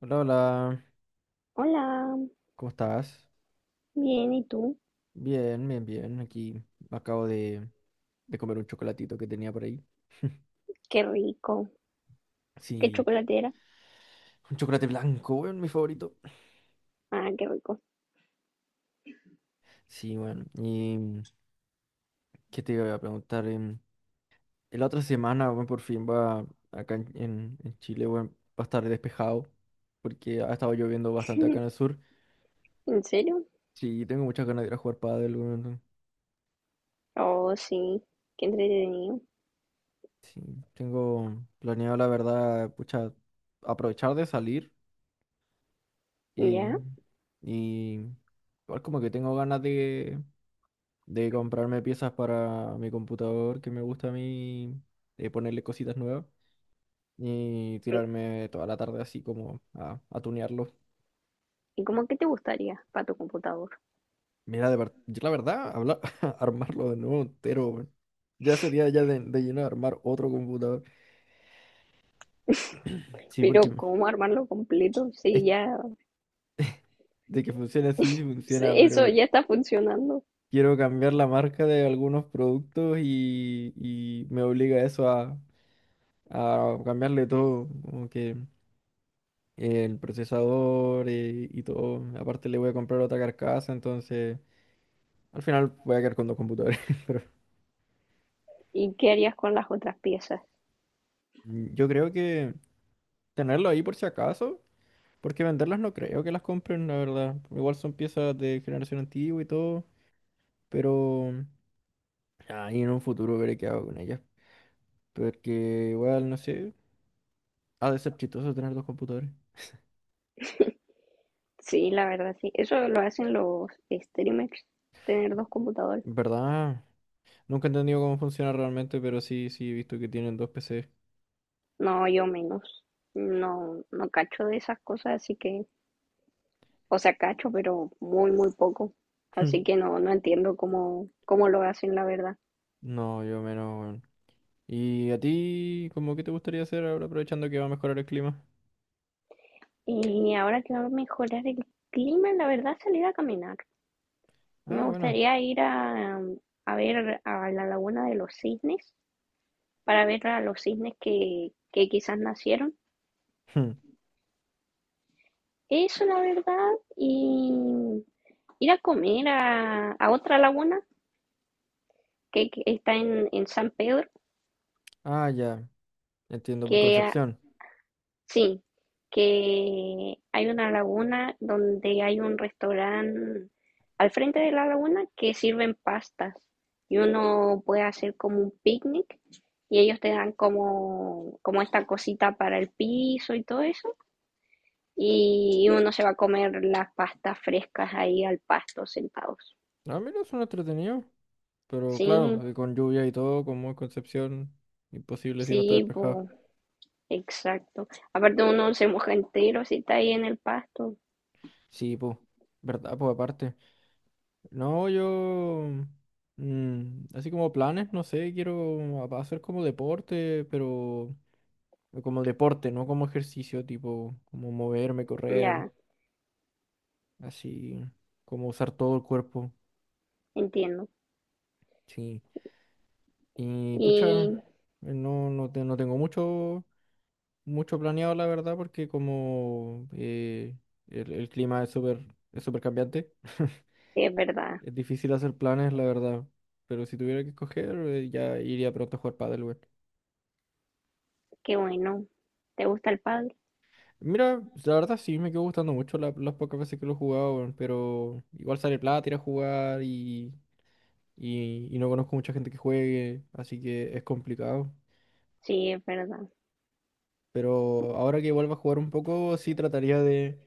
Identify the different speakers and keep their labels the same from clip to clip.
Speaker 1: Hola, hola,
Speaker 2: Hola,
Speaker 1: ¿cómo estás?
Speaker 2: bien, ¿y tú?
Speaker 1: Bien, bien, bien. Aquí acabo de comer un chocolatito que tenía por ahí.
Speaker 2: Qué rico. ¿Qué
Speaker 1: Sí,
Speaker 2: chocolatera?
Speaker 1: un chocolate blanco, weón, mi favorito.
Speaker 2: Ah, qué rico.
Speaker 1: Sí, bueno, y qué te iba a preguntar. La otra semana, weón, por fin va acá en Chile, weón, va a estar despejado porque ha estado lloviendo bastante acá en el sur.
Speaker 2: ¿En serio?
Speaker 1: Sí, tengo muchas ganas de ir a jugar pádel, weón.
Speaker 2: Oh, sí, qué entretenido.
Speaker 1: Sí, tengo planeado, la verdad, pucha, aprovechar de salir.
Speaker 2: ¿Ya?
Speaker 1: Y, y igual como que tengo ganas de comprarme piezas para mi computador que me gusta a mí, de ponerle cositas nuevas y tirarme toda la tarde así como a tunearlo.
Speaker 2: ¿Y cómo qué te gustaría para tu computador?
Speaker 1: Mira, yo la verdad, armarlo de nuevo entero, weón. Ya sería ya de lleno armar otro computador. Sí,
Speaker 2: Pero
Speaker 1: porque
Speaker 2: ¿cómo armarlo completo?
Speaker 1: es
Speaker 2: Sí, ya,
Speaker 1: de que funciona así, sí
Speaker 2: sí,
Speaker 1: funciona,
Speaker 2: eso
Speaker 1: pero
Speaker 2: ya está funcionando.
Speaker 1: quiero cambiar la marca de algunos productos y me obliga eso a cambiarle todo, como que el procesador y, todo. Aparte le voy a comprar otra carcasa, entonces al final voy a quedar con dos computadores. Pero
Speaker 2: ¿Y qué harías con las otras piezas?
Speaker 1: yo creo que tenerlo ahí por si acaso, porque venderlas no creo que las compren, la verdad. Igual son piezas de generación antigua y todo, pero ahí en un futuro veré qué hago con ellas. Porque igual, no sé, ha de ser chistoso tener dos computadores.
Speaker 2: Sí, la verdad, sí. Eso lo hacen los streamers, tener dos computadores.
Speaker 1: ¿Verdad? Nunca he entendido cómo funciona realmente, pero sí, sí he visto que tienen dos PCs.
Speaker 2: No, yo menos. No, no cacho de esas cosas, así que o sea, cacho, pero muy, muy poco. Así que no, no entiendo cómo, cómo lo hacen, la verdad.
Speaker 1: No, yo menos, weón. ¿Y a ti, como que te gustaría hacer ahora aprovechando que va a mejorar el clima?
Speaker 2: Y ahora que va a mejorar el clima, la verdad, salir a caminar. Me
Speaker 1: Ah, bueno.
Speaker 2: gustaría ir a ver a la laguna de los cisnes, para ver a los cisnes que quizás nacieron.
Speaker 1: Hmm.
Speaker 2: Eso, la verdad. Y ir a comer a otra laguna que está en San Pedro,
Speaker 1: Ah, ya. Entiendo por
Speaker 2: que
Speaker 1: Concepción.
Speaker 2: sí, que hay una laguna donde hay un restaurante al frente de la laguna que sirven pastas y uno puede hacer como un picnic y ellos te dan como, como esta cosita para el piso y todo eso y uno se va a comer las pastas frescas ahí al pasto sentados.
Speaker 1: Ah, mira, son entretenidos. Pero claro,
Speaker 2: Sí,
Speaker 1: con lluvia y todo, como es Concepción, imposible si no está
Speaker 2: sí,
Speaker 1: despejado.
Speaker 2: po, exacto. Aparte uno se moja entero si está ahí en el pasto.
Speaker 1: Sí, pues. ¿Verdad? Pues aparte. No, yo. Así como planes, no sé, quiero hacer como deporte, pero. Como deporte, no como ejercicio, tipo, como moverme, correr.
Speaker 2: Ya,
Speaker 1: Así como usar todo el cuerpo,
Speaker 2: entiendo.
Speaker 1: sí. Y pucha,
Speaker 2: Y
Speaker 1: no, no, no tengo mucho, mucho planeado, la verdad, porque como el clima es súper cambiante,
Speaker 2: sí, es verdad.
Speaker 1: es difícil hacer planes, la verdad. Pero si tuviera que escoger, ya iría pronto a jugar pádel, weón.
Speaker 2: Qué bueno. ¿Te gusta el pádel?
Speaker 1: Mira, pues, la verdad sí me quedó gustando mucho las pocas veces que lo he jugado, weón, pero igual sale plata ir a jugar y no conozco mucha gente que juegue, así que es complicado.
Speaker 2: Sí, es verdad.
Speaker 1: Pero ahora que vuelva a jugar un poco, sí trataría de,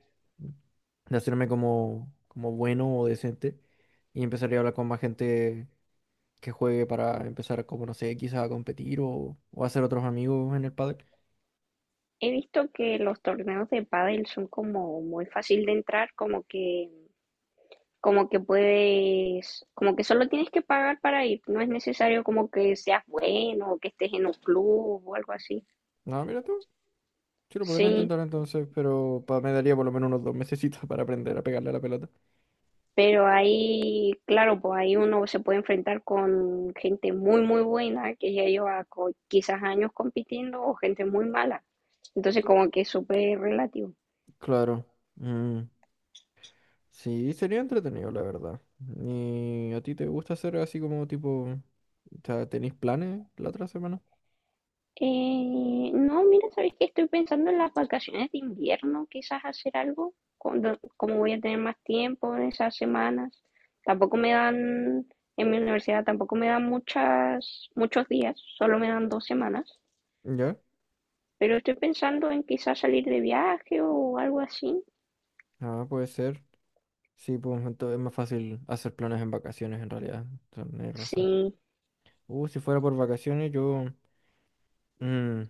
Speaker 1: de hacerme como, como bueno o decente. Y empezaría a hablar con más gente que juegue para empezar, como no sé, quizás a competir o hacer otros amigos en el pádel.
Speaker 2: He visto que los torneos de pádel son como muy fácil de entrar, como que puedes, como que solo tienes que pagar para ir. No es necesario como que seas bueno o que estés en un club o algo así.
Speaker 1: No, mira tú. Sí, lo podría
Speaker 2: Sí,
Speaker 1: intentar entonces, pero me daría por lo menos unos dos mesecitos para aprender a pegarle a la pelota.
Speaker 2: pero ahí, claro, pues ahí uno se puede enfrentar con gente muy, muy buena que ya lleva co- quizás años compitiendo o gente muy mala. Entonces como que es súper relativo.
Speaker 1: Claro. Mm, sí, sería entretenido, la verdad. ¿Y a ti te gusta hacer así como tipo... O sea, ¿tenéis planes la otra semana?
Speaker 2: No, mira, sabes que estoy pensando en las vacaciones de invierno, quizás hacer algo, cuando- como voy a tener más tiempo en esas semanas. Tampoco me dan, en mi universidad tampoco me dan muchas, muchos días, solo me dan dos semanas.
Speaker 1: ¿Ya?
Speaker 2: Pero estoy pensando en quizás salir de viaje o algo así.
Speaker 1: Ah, puede ser. Sí, pues entonces es más fácil hacer planes en vacaciones en realidad. Tienes razón.
Speaker 2: Sí,
Speaker 1: Si fuera por vacaciones, yo... mm,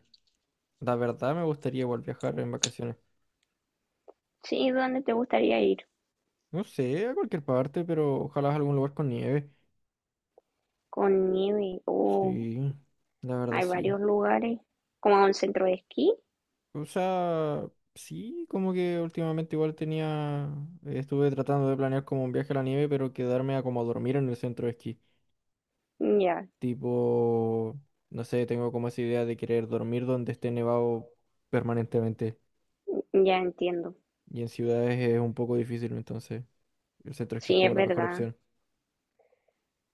Speaker 1: la verdad me gustaría igual viajar en vacaciones.
Speaker 2: sí, ¿dónde te gustaría ir?
Speaker 1: No sé, a cualquier parte, pero ojalá a algún lugar con nieve.
Speaker 2: Con nieve, o
Speaker 1: Sí, la verdad
Speaker 2: hay
Speaker 1: sí.
Speaker 2: varios lugares, como a un centro de esquí.
Speaker 1: O sea, sí, como que últimamente igual tenía... Estuve tratando de planear como un viaje a la nieve, pero quedarme a como dormir en el centro de esquí.
Speaker 2: Ya,
Speaker 1: Tipo, no sé, tengo como esa idea de querer dormir donde esté nevado permanentemente.
Speaker 2: ya entiendo.
Speaker 1: Y en ciudades es un poco difícil, entonces el centro esquí es
Speaker 2: Sí, es
Speaker 1: como la mejor
Speaker 2: verdad.
Speaker 1: opción.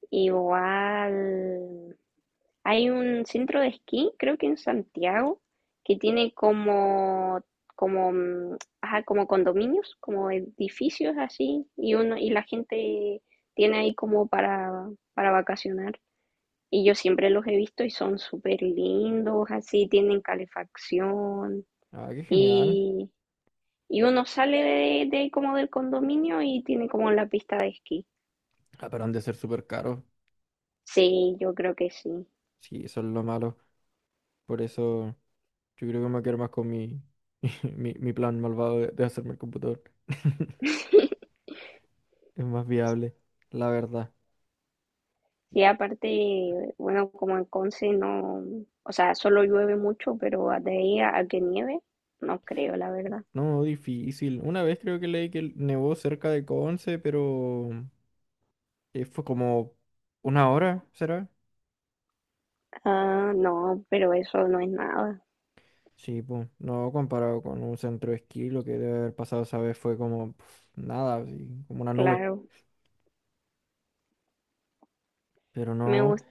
Speaker 2: Igual, hay un centro de esquí, creo que en Santiago, que tiene como, como, mm, ajá, como condominios, como edificios así, y uno, y la gente tiene ahí como para vacacionar. Y yo siempre los he visto y son súper lindos, así, tienen calefacción.
Speaker 1: Ah, qué genial.
Speaker 2: Y, y uno sale de como del condominio y tiene como la pista de esquí.
Speaker 1: Ah, pero han de ser súper caros.
Speaker 2: Sí, yo creo que sí.
Speaker 1: Sí, eso es lo malo. Por eso yo creo que me quiero más con mi, mi plan malvado de hacerme el computador. Es más viable, la verdad.
Speaker 2: Sí, aparte, bueno, como en Conce no, o sea, solo llueve mucho, pero de ahí a que nieve, no creo, la verdad.
Speaker 1: No, difícil. Una vez creo que leí que nevó cerca de Conce, pero fue como una hora, ¿será?
Speaker 2: Ah, no, pero eso no es nada,
Speaker 1: Sí, pues, no comparado con un centro de esquí, lo que debe haber pasado esa vez fue como pf, nada, así, como una nube.
Speaker 2: claro,
Speaker 1: Pero
Speaker 2: me
Speaker 1: no,
Speaker 2: gusta.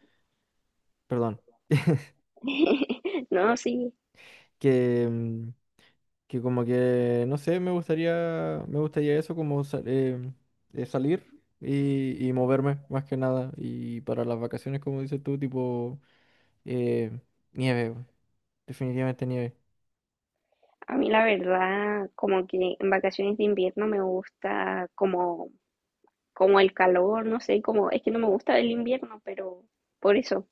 Speaker 1: perdón,
Speaker 2: No, sí,
Speaker 1: que, que como que, no sé, me gustaría eso como salir y moverme más que nada. Y para las vacaciones, como dices tú, tipo eh, nieve, weón, definitivamente nieve.
Speaker 2: a mí la verdad, como que en vacaciones de invierno me gusta como, como el calor, no sé, como, es que no me gusta el invierno, pero por eso,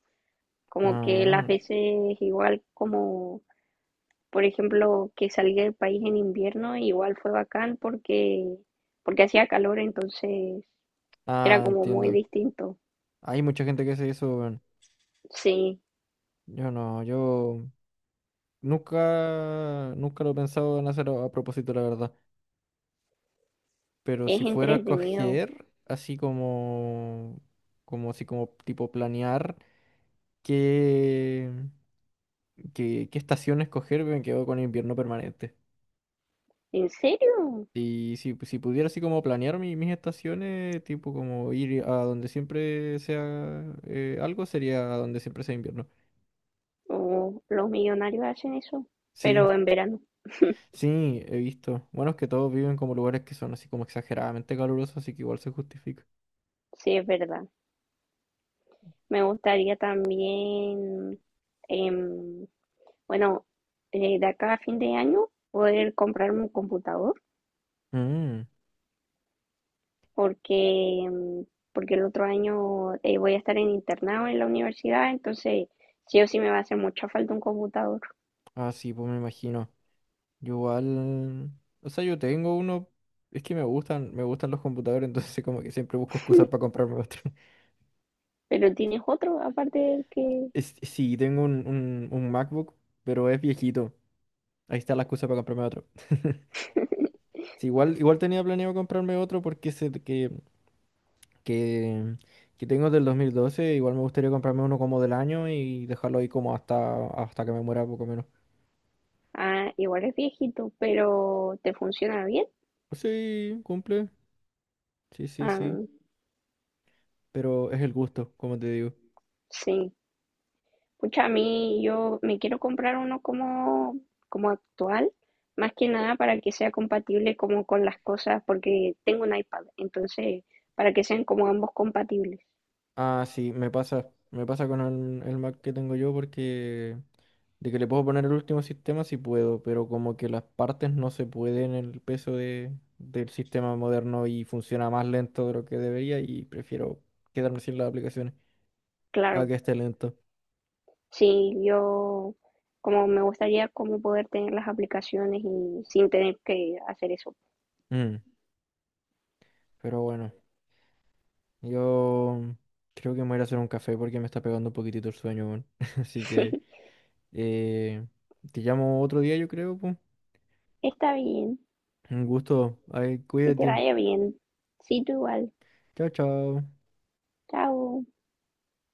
Speaker 2: como que las
Speaker 1: Ah,
Speaker 2: veces igual como por ejemplo, que salí del país en invierno, igual fue bacán porque, porque hacía calor, entonces era
Speaker 1: ah,
Speaker 2: como muy
Speaker 1: entiendo.
Speaker 2: distinto.
Speaker 1: Hay mucha gente que hace eso, weón.
Speaker 2: Sí,
Speaker 1: Yo no, yo nunca, nunca lo he pensado en hacer a propósito, la verdad. Pero
Speaker 2: es
Speaker 1: si fuera a
Speaker 2: entretenido.
Speaker 1: coger, así como, como si como tipo planear qué, qué estación escoger, me quedo con invierno permanente.
Speaker 2: ¿En serio?
Speaker 1: Y si pudiera así como planear mis estaciones, tipo como ir a donde siempre sea algo, sería a donde siempre sea invierno.
Speaker 2: Oh, los millonarios hacen eso,
Speaker 1: Sí,
Speaker 2: pero en verano,
Speaker 1: sí, he visto. Bueno, es que todos viven como lugares que son así como exageradamente calurosos, así que igual se justifica.
Speaker 2: sí, es verdad. Me gustaría también, em, bueno, de acá a fin de año poder comprarme un computador.
Speaker 1: Mm,
Speaker 2: Porque, mm, porque el otro año voy a estar en internado en la universidad, entonces sí o sí me va a hacer mucha falta un computador.
Speaker 1: ah, sí, pues me imagino. Yo igual, o sea, yo tengo uno, es que me gustan los computadores, entonces como que siempre busco excusas para comprarme otro.
Speaker 2: Pero tienes otro, aparte del que,
Speaker 1: Sí, tengo un MacBook, pero es viejito. Ahí está la excusa para comprarme otro. Sí, igual, igual tenía planeado comprarme otro porque ese que, que tengo del 2012 igual me gustaría comprarme uno como del año y dejarlo ahí como hasta que me muera poco menos.
Speaker 2: ah, igual es viejito, pero te funciona bien.
Speaker 1: Pues sí, cumple. Sí, sí, sí.
Speaker 2: Ah,
Speaker 1: Pero es el gusto, como te digo.
Speaker 2: sí. Pucha, a mí yo me quiero comprar uno como, como actual, más que nada para que sea compatible como con las cosas, porque tengo un iPad, entonces para que sean como ambos compatibles.
Speaker 1: Ah, sí, me pasa. Me pasa con el, Mac que tengo yo porque de que le puedo poner el último sistema sí puedo, pero como que las partes no se pueden en el peso del sistema moderno y funciona más lento de lo que debería y prefiero quedarme sin las aplicaciones a
Speaker 2: Claro.
Speaker 1: que esté lento.
Speaker 2: Sí, yo como me gustaría como poder tener las aplicaciones y sin tener que hacer eso.
Speaker 1: Mm, pero bueno, yo creo que me voy a ir a hacer un café porque me está pegando un poquitito el sueño, weón. Así que eh, te llamo otro día, yo creo, pues.
Speaker 2: Está bien,
Speaker 1: Un gusto. Ay,
Speaker 2: que te
Speaker 1: cuídate.
Speaker 2: vaya bien. Sí, tú igual.
Speaker 1: Chao, chao.
Speaker 2: Chao.